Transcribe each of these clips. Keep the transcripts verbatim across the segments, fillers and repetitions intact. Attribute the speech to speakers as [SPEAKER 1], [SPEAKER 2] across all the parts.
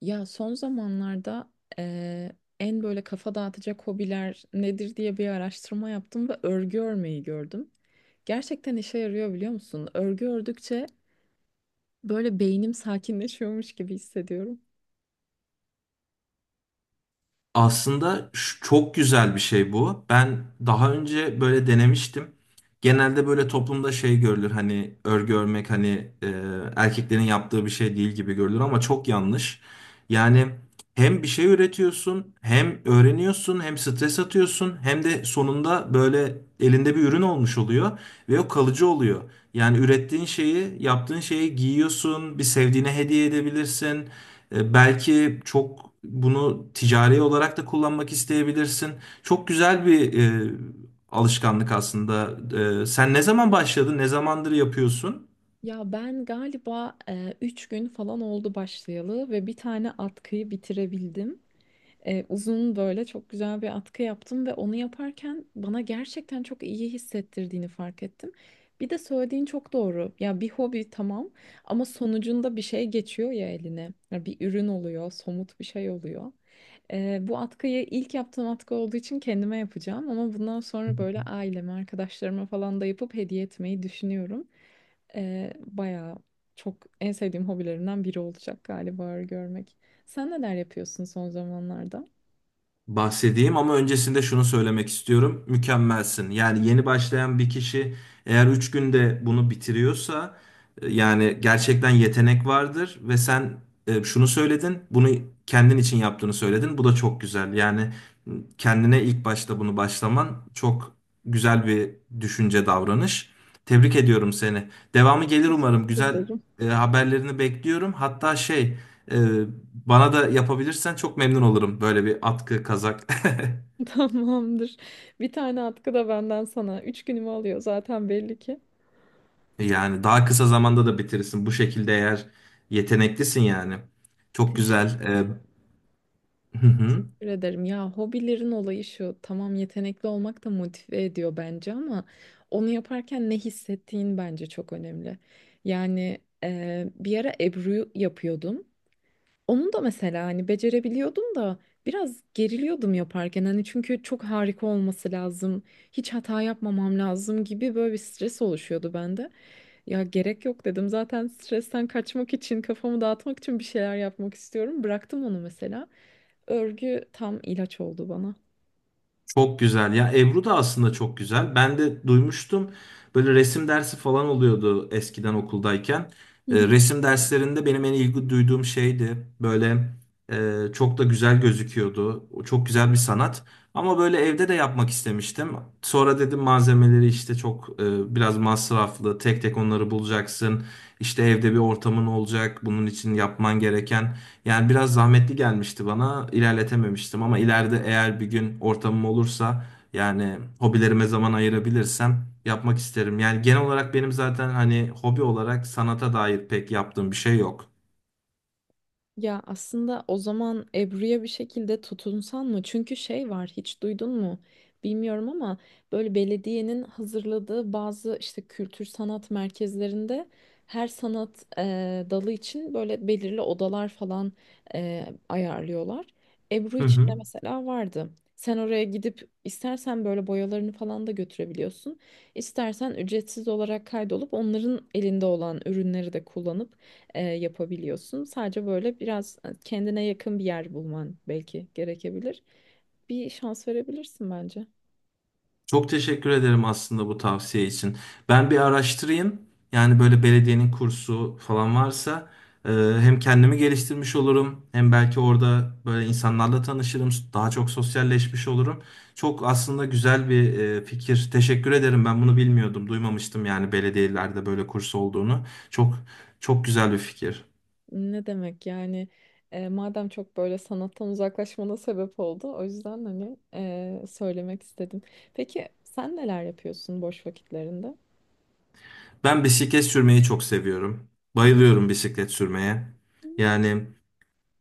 [SPEAKER 1] Ya son zamanlarda eee, en böyle kafa dağıtacak hobiler nedir diye bir araştırma yaptım ve örgü örmeyi gördüm. Gerçekten işe yarıyor biliyor musun? Örgü ördükçe böyle beynim sakinleşiyormuş gibi hissediyorum.
[SPEAKER 2] Aslında ş- çok güzel bir şey bu. Ben daha önce böyle denemiştim. Genelde böyle toplumda şey görülür hani örgü örmek hani e, erkeklerin yaptığı bir şey değil gibi görülür ama çok yanlış. Yani hem bir şey üretiyorsun, hem öğreniyorsun, hem stres atıyorsun, hem de sonunda böyle elinde bir ürün olmuş oluyor ve o kalıcı oluyor. Yani ürettiğin şeyi, yaptığın şeyi giyiyorsun, bir sevdiğine hediye edebilirsin. E, Belki çok bunu ticari olarak da kullanmak isteyebilirsin. Çok güzel bir e, alışkanlık aslında. E, sen ne zaman başladın? Ne zamandır yapıyorsun?
[SPEAKER 1] Ya ben galiba eee üç gün falan oldu başlayalı ve bir tane atkıyı bitirebildim. E, uzun böyle çok güzel bir atkı yaptım ve onu yaparken bana gerçekten çok iyi hissettirdiğini fark ettim. Bir de söylediğin çok doğru. Ya bir hobi tamam ama sonucunda bir şey geçiyor ya eline. Ya bir ürün oluyor, somut bir şey oluyor. E, bu atkıyı ilk yaptığım atkı olduğu için kendime yapacağım ama bundan sonra böyle aileme, arkadaşlarıma falan da yapıp hediye etmeyi düşünüyorum. E, bayağı çok en sevdiğim hobilerimden biri olacak galiba örgü örmek. Sen neler yapıyorsun son zamanlarda?
[SPEAKER 2] Bahsedeyim ama öncesinde şunu söylemek istiyorum. Mükemmelsin. Yani yeni başlayan bir kişi eğer üç günde bunu bitiriyorsa e, yani gerçekten yetenek vardır ve sen e, şunu söyledin. Bunu kendin için yaptığını söyledin. Bu da çok güzel. Yani m, kendine ilk başta bunu başlaman çok güzel bir düşünce davranış. Tebrik ediyorum seni. Devamı gelir umarım.
[SPEAKER 1] Teşekkür
[SPEAKER 2] Güzel
[SPEAKER 1] ederim.
[SPEAKER 2] e, haberlerini bekliyorum. Hatta şey ee, bana da yapabilirsen çok memnun olurum. Böyle bir atkı, kazak.
[SPEAKER 1] Tamamdır. Bir tane atkı da benden sana. Üç günümü alıyor zaten belli ki.
[SPEAKER 2] Yani daha kısa zamanda da bitirirsin. Bu şekilde eğer yeteneklisin yani. Çok
[SPEAKER 1] Teş-
[SPEAKER 2] güzel. Ee, hı hı.
[SPEAKER 1] Teşekkür ederim. Ya hobilerin olayı şu. Tamam yetenekli olmak da motive ediyor bence ama onu yaparken ne hissettiğin bence çok önemli. Yani e, bir ara Ebru yapıyordum. Onu da mesela hani becerebiliyordum da biraz geriliyordum yaparken. Hani çünkü çok harika olması lazım. Hiç hata yapmamam lazım gibi böyle bir stres oluşuyordu bende. Ya gerek yok dedim. Zaten stresten kaçmak için, kafamı dağıtmak için bir şeyler yapmak istiyorum. Bıraktım onu mesela. Örgü tam ilaç oldu bana.
[SPEAKER 2] Çok güzel. Ya Ebru da aslında çok güzel. Ben de duymuştum. Böyle resim dersi falan oluyordu eskiden okuldayken.
[SPEAKER 1] Hı
[SPEAKER 2] E,
[SPEAKER 1] hı.
[SPEAKER 2] resim derslerinde benim en ilgi duyduğum şeydi. Böyle e, çok da güzel gözüküyordu. O çok güzel bir sanat. Ama böyle evde de yapmak istemiştim. Sonra dedim malzemeleri işte çok e, biraz masraflı. Tek tek onları bulacaksın. İşte evde bir ortamın olacak. Bunun için yapman gereken yani biraz zahmetli gelmişti bana. İlerletememiştim ama ileride eğer bir gün ortamım olursa yani hobilerime zaman ayırabilirsem yapmak isterim. Yani genel olarak benim zaten hani hobi olarak sanata dair pek yaptığım bir şey yok.
[SPEAKER 1] Ya aslında o zaman Ebru'ya bir şekilde tutunsan mı? Çünkü şey var hiç duydun mu? Bilmiyorum ama böyle belediyenin hazırladığı bazı işte kültür sanat merkezlerinde her sanat eee, dalı için böyle belirli odalar falan eee, ayarlıyorlar. Ebru
[SPEAKER 2] Hı
[SPEAKER 1] için
[SPEAKER 2] hı.
[SPEAKER 1] de mesela vardı. Sen oraya gidip istersen böyle boyalarını falan da götürebiliyorsun. İstersen ücretsiz olarak kaydolup onların elinde olan ürünleri de kullanıp e, yapabiliyorsun. Sadece böyle biraz e, kendine yakın bir yer bulman belki gerekebilir. Bir şans verebilirsin bence.
[SPEAKER 2] Çok teşekkür ederim aslında bu tavsiye için. Ben bir araştırayım. Yani böyle belediyenin kursu falan varsa e, hem kendimi geliştirmiş olurum hem belki orada böyle insanlarla tanışırım. Daha çok sosyalleşmiş olurum. Çok aslında güzel bir e, fikir. Teşekkür ederim. Ben bunu bilmiyordum. Duymamıştım yani belediyelerde böyle kurs olduğunu. Çok çok güzel bir fikir.
[SPEAKER 1] Ne demek yani e, madem çok böyle sanattan uzaklaşmana sebep oldu o yüzden hani e, söylemek istedim. Peki sen neler yapıyorsun boş vakitlerinde?
[SPEAKER 2] Ben bisiklet sürmeyi çok seviyorum. Bayılıyorum bisiklet sürmeye.
[SPEAKER 1] Hmm.
[SPEAKER 2] Yani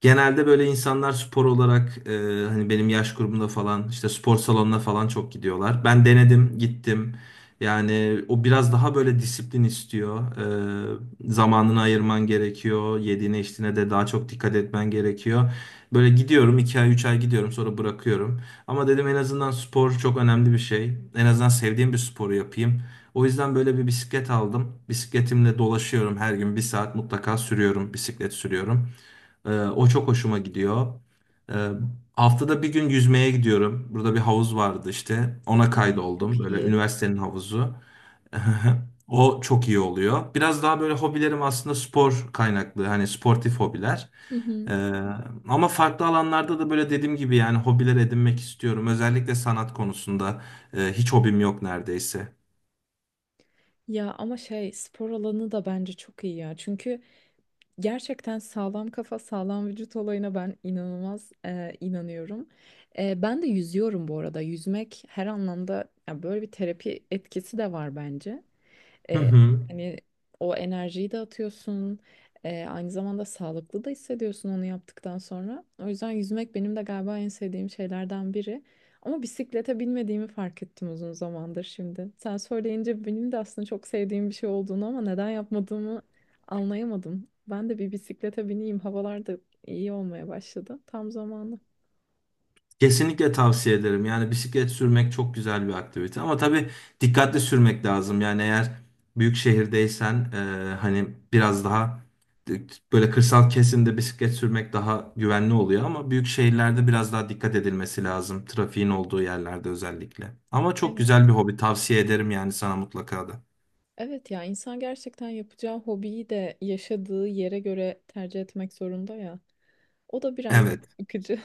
[SPEAKER 2] genelde böyle insanlar spor olarak e, hani benim yaş grubumda falan işte spor salonuna falan çok gidiyorlar. Ben denedim, gittim. Yani o biraz daha böyle disiplin istiyor. E, zamanını ayırman gerekiyor. Yediğine içtiğine de daha çok dikkat etmen gerekiyor. Böyle gidiyorum, iki ay üç ay gidiyorum sonra bırakıyorum. Ama dedim en azından spor çok önemli bir şey. En azından sevdiğim bir sporu yapayım. O yüzden böyle bir bisiklet aldım. Bisikletimle dolaşıyorum, her gün bir saat mutlaka sürüyorum, bisiklet sürüyorum. Ee, o çok hoşuma gidiyor. Ee, haftada bir gün yüzmeye gidiyorum. Burada bir havuz vardı işte. Ona
[SPEAKER 1] Ay,
[SPEAKER 2] kaydoldum.
[SPEAKER 1] çok
[SPEAKER 2] Böyle
[SPEAKER 1] iyi.
[SPEAKER 2] üniversitenin havuzu. O çok iyi oluyor. Biraz daha böyle hobilerim aslında spor kaynaklı. Hani sportif hobiler.
[SPEAKER 1] Hı
[SPEAKER 2] Ee,
[SPEAKER 1] hı.
[SPEAKER 2] ama farklı alanlarda da böyle dediğim gibi yani hobiler edinmek istiyorum. Özellikle sanat konusunda e, hiç hobim yok neredeyse.
[SPEAKER 1] Ya ama şey spor alanı da bence çok iyi ya. Çünkü gerçekten sağlam kafa, sağlam vücut olayına ben inanılmaz e, inanıyorum. E, ben de yüzüyorum bu arada. Yüzmek her anlamda ya böyle bir terapi etkisi de var bence.
[SPEAKER 2] Hı
[SPEAKER 1] E,
[SPEAKER 2] hı.
[SPEAKER 1] Hani o enerjiyi de atıyorsun. E, aynı zamanda sağlıklı da hissediyorsun onu yaptıktan sonra. O yüzden yüzmek benim de galiba en sevdiğim şeylerden biri. Ama bisiklete binmediğimi fark ettim uzun zamandır şimdi. Sen söyleyince benim de aslında çok sevdiğim bir şey olduğunu ama neden yapmadığımı anlayamadım. Ben de bir bisiklete bineyim. Havalar da iyi olmaya başladı. Tam zamanı.
[SPEAKER 2] Kesinlikle tavsiye ederim. Yani bisiklet sürmek çok güzel bir aktivite ama tabii dikkatli sürmek lazım. Yani eğer büyük şehirdeysen e, hani biraz daha d- böyle kırsal kesimde bisiklet sürmek daha güvenli oluyor ama büyük şehirlerde biraz daha dikkat edilmesi lazım. Trafiğin olduğu yerlerde özellikle. Ama çok
[SPEAKER 1] Evet.
[SPEAKER 2] güzel bir hobi. Tavsiye ederim yani sana mutlaka da.
[SPEAKER 1] Evet ya insan gerçekten yapacağı hobiyi de yaşadığı yere göre tercih etmek zorunda ya. O da biraz
[SPEAKER 2] Evet.
[SPEAKER 1] yıkıcı.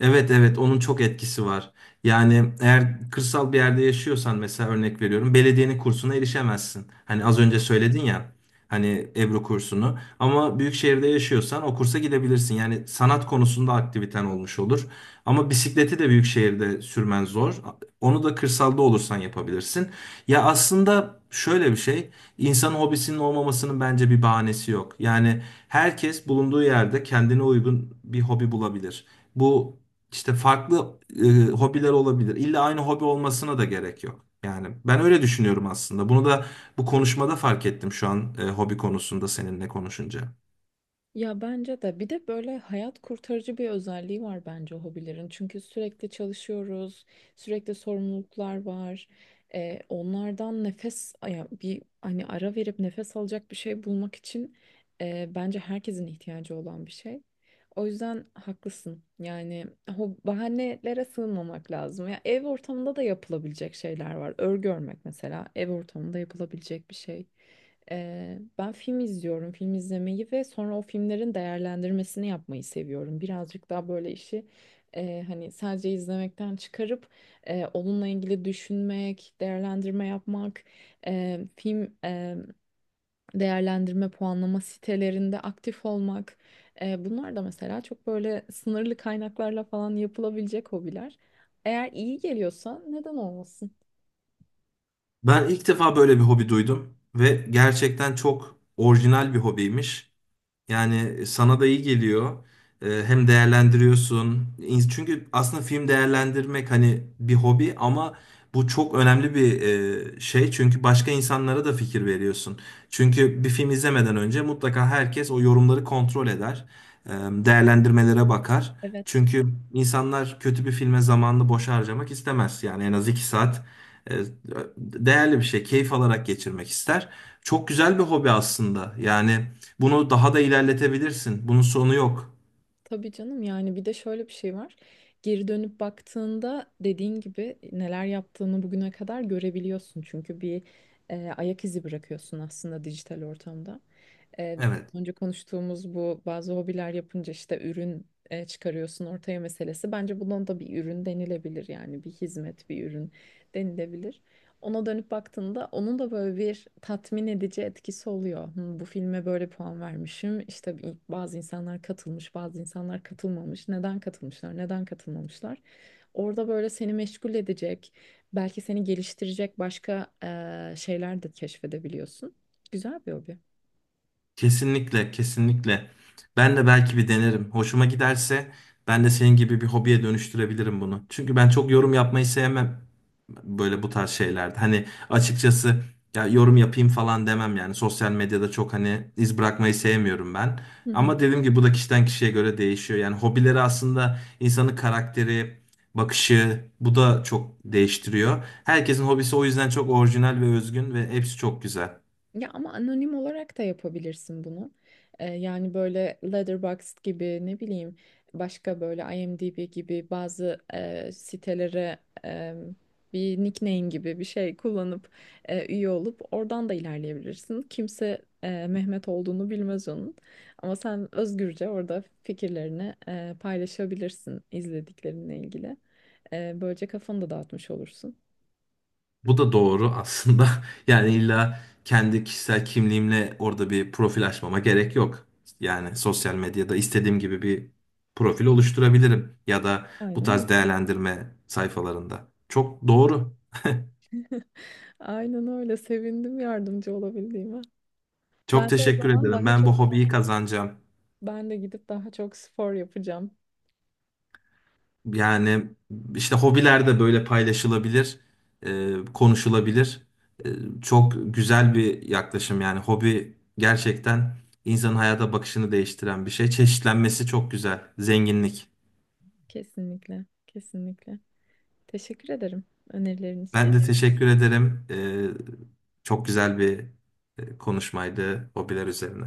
[SPEAKER 2] Evet, evet, onun çok etkisi var. Yani eğer kırsal bir yerde yaşıyorsan mesela örnek veriyorum belediyenin kursuna erişemezsin. Hani az önce
[SPEAKER 1] Evet.
[SPEAKER 2] söyledin ya hani Ebru kursunu ama büyük şehirde yaşıyorsan o kursa gidebilirsin. Yani sanat konusunda aktiviten olmuş olur. Ama bisikleti de büyük şehirde sürmen zor. Onu da kırsalda olursan yapabilirsin. Ya aslında şöyle bir şey, insanın hobisinin olmamasının bence bir bahanesi yok. Yani herkes bulunduğu yerde kendine uygun bir hobi bulabilir. Bu işte farklı e, hobiler olabilir. İlla aynı hobi olmasına da gerek yok. Yani ben öyle düşünüyorum aslında. Bunu da bu konuşmada fark ettim şu an e, hobi konusunda seninle konuşunca.
[SPEAKER 1] Ya bence de bir de böyle hayat kurtarıcı bir özelliği var bence hobilerin. Çünkü sürekli çalışıyoruz, sürekli sorumluluklar var. Ee, onlardan nefes, ya bir hani ara verip nefes alacak bir şey bulmak için e, bence herkesin ihtiyacı olan bir şey. O yüzden haklısın. Yani o bahanelere sığınmamak lazım. Ya ev ortamında da yapılabilecek şeyler var. Örgü örmek mesela ev ortamında yapılabilecek bir şey. Ee, ben film izliyorum, film izlemeyi ve sonra o filmlerin değerlendirmesini yapmayı seviyorum. Birazcık daha böyle işi e, hani sadece izlemekten çıkarıp e, onunla ilgili düşünmek, değerlendirme yapmak, e, film e, değerlendirme puanlama sitelerinde aktif olmak. E, bunlar da mesela çok böyle sınırlı kaynaklarla falan yapılabilecek hobiler. Eğer iyi geliyorsa neden olmasın?
[SPEAKER 2] Ben ilk defa böyle bir hobi duydum ve gerçekten çok orijinal bir hobiymiş. Yani e, sana da iyi geliyor. Ee, Hem değerlendiriyorsun. İn- Çünkü aslında film değerlendirmek hani bir hobi ama bu çok önemli bir e, şey. Çünkü başka insanlara da fikir veriyorsun. Çünkü bir film izlemeden önce mutlaka herkes o yorumları kontrol eder. Ee, Değerlendirmelere bakar.
[SPEAKER 1] Evet.
[SPEAKER 2] Çünkü insanlar kötü bir filme zamanını boş harcamak istemez. Yani en az iki saat e, değerli bir şey, keyif alarak geçirmek ister. Çok güzel bir hobi aslında. Yani bunu daha da ilerletebilirsin. Bunun sonu yok.
[SPEAKER 1] Tabii canım yani bir de şöyle bir şey var. Geri dönüp baktığında dediğin gibi neler yaptığını bugüne kadar görebiliyorsun. Çünkü bir e, ayak izi bırakıyorsun aslında dijital ortamda. E,
[SPEAKER 2] Evet.
[SPEAKER 1] az önce konuştuğumuz bu bazı hobiler yapınca işte ürün e, çıkarıyorsun ortaya meselesi. Bence bundan da bir ürün denilebilir yani bir hizmet bir ürün denilebilir, ona dönüp baktığında onun da böyle bir tatmin edici etkisi oluyor. Hı, bu filme böyle puan vermişim. İşte bir- bazı insanlar katılmış, bazı insanlar katılmamış. Neden katılmışlar, neden katılmamışlar? Orada böyle seni meşgul edecek, belki seni geliştirecek başka eee, şeyler de keşfedebiliyorsun. Güzel bir hobi.
[SPEAKER 2] Kesinlikle, kesinlikle. Ben de belki bir denerim. Hoşuma giderse ben de senin gibi bir hobiye dönüştürebilirim bunu. Çünkü ben çok yorum yapmayı sevmem böyle bu tarz şeylerde. Hani açıkçası ya yorum yapayım falan demem yani. Sosyal medyada çok hani iz bırakmayı sevmiyorum ben.
[SPEAKER 1] Hı hı.
[SPEAKER 2] Ama dediğim gibi bu da kişiden kişiye göre değişiyor. Yani hobileri aslında insanın karakteri, bakışı bu da çok değiştiriyor. Herkesin hobisi o yüzden çok orijinal ve özgün ve hepsi çok güzel.
[SPEAKER 1] Ya ama anonim olarak da yapabilirsin bunu. Ee, yani böyle Letterboxd gibi ne bileyim başka böyle IMDb gibi bazı e, sitelere e, bir nickname gibi bir şey kullanıp e, üye olup oradan da ilerleyebilirsin. Kimse e, Mehmet olduğunu bilmez onun. Ama sen özgürce orada fikirlerini e, paylaşabilirsin izlediklerinle ilgili. E, böylece kafanı da dağıtmış olursun.
[SPEAKER 2] Bu da doğru aslında. Yani illa kendi kişisel kimliğimle orada bir profil açmama gerek yok. Yani sosyal medyada istediğim gibi bir profil oluşturabilirim ya da bu
[SPEAKER 1] Aynen
[SPEAKER 2] tarz
[SPEAKER 1] öyle.
[SPEAKER 2] değerlendirme sayfalarında. Çok doğru.
[SPEAKER 1] Aynen öyle. Sevindim yardımcı olabildiğime. Ben
[SPEAKER 2] Çok
[SPEAKER 1] de o
[SPEAKER 2] teşekkür
[SPEAKER 1] zaman
[SPEAKER 2] ederim.
[SPEAKER 1] daha
[SPEAKER 2] Ben bu
[SPEAKER 1] çok
[SPEAKER 2] hobiyi kazanacağım.
[SPEAKER 1] ben de gidip daha çok spor yapacağım.
[SPEAKER 2] Yani işte hobiler de böyle paylaşılabilir, e, konuşulabilir. E, çok güzel bir yaklaşım yani hobi gerçekten insanın hayata bakışını değiştiren bir şey. Çeşitlenmesi çok güzel, zenginlik.
[SPEAKER 1] Kesinlikle, kesinlikle. Teşekkür ederim önerilerin
[SPEAKER 2] Ben
[SPEAKER 1] için.
[SPEAKER 2] de teşekkür ederim. E, çok güzel bir e, konuşmaydı hobiler üzerine.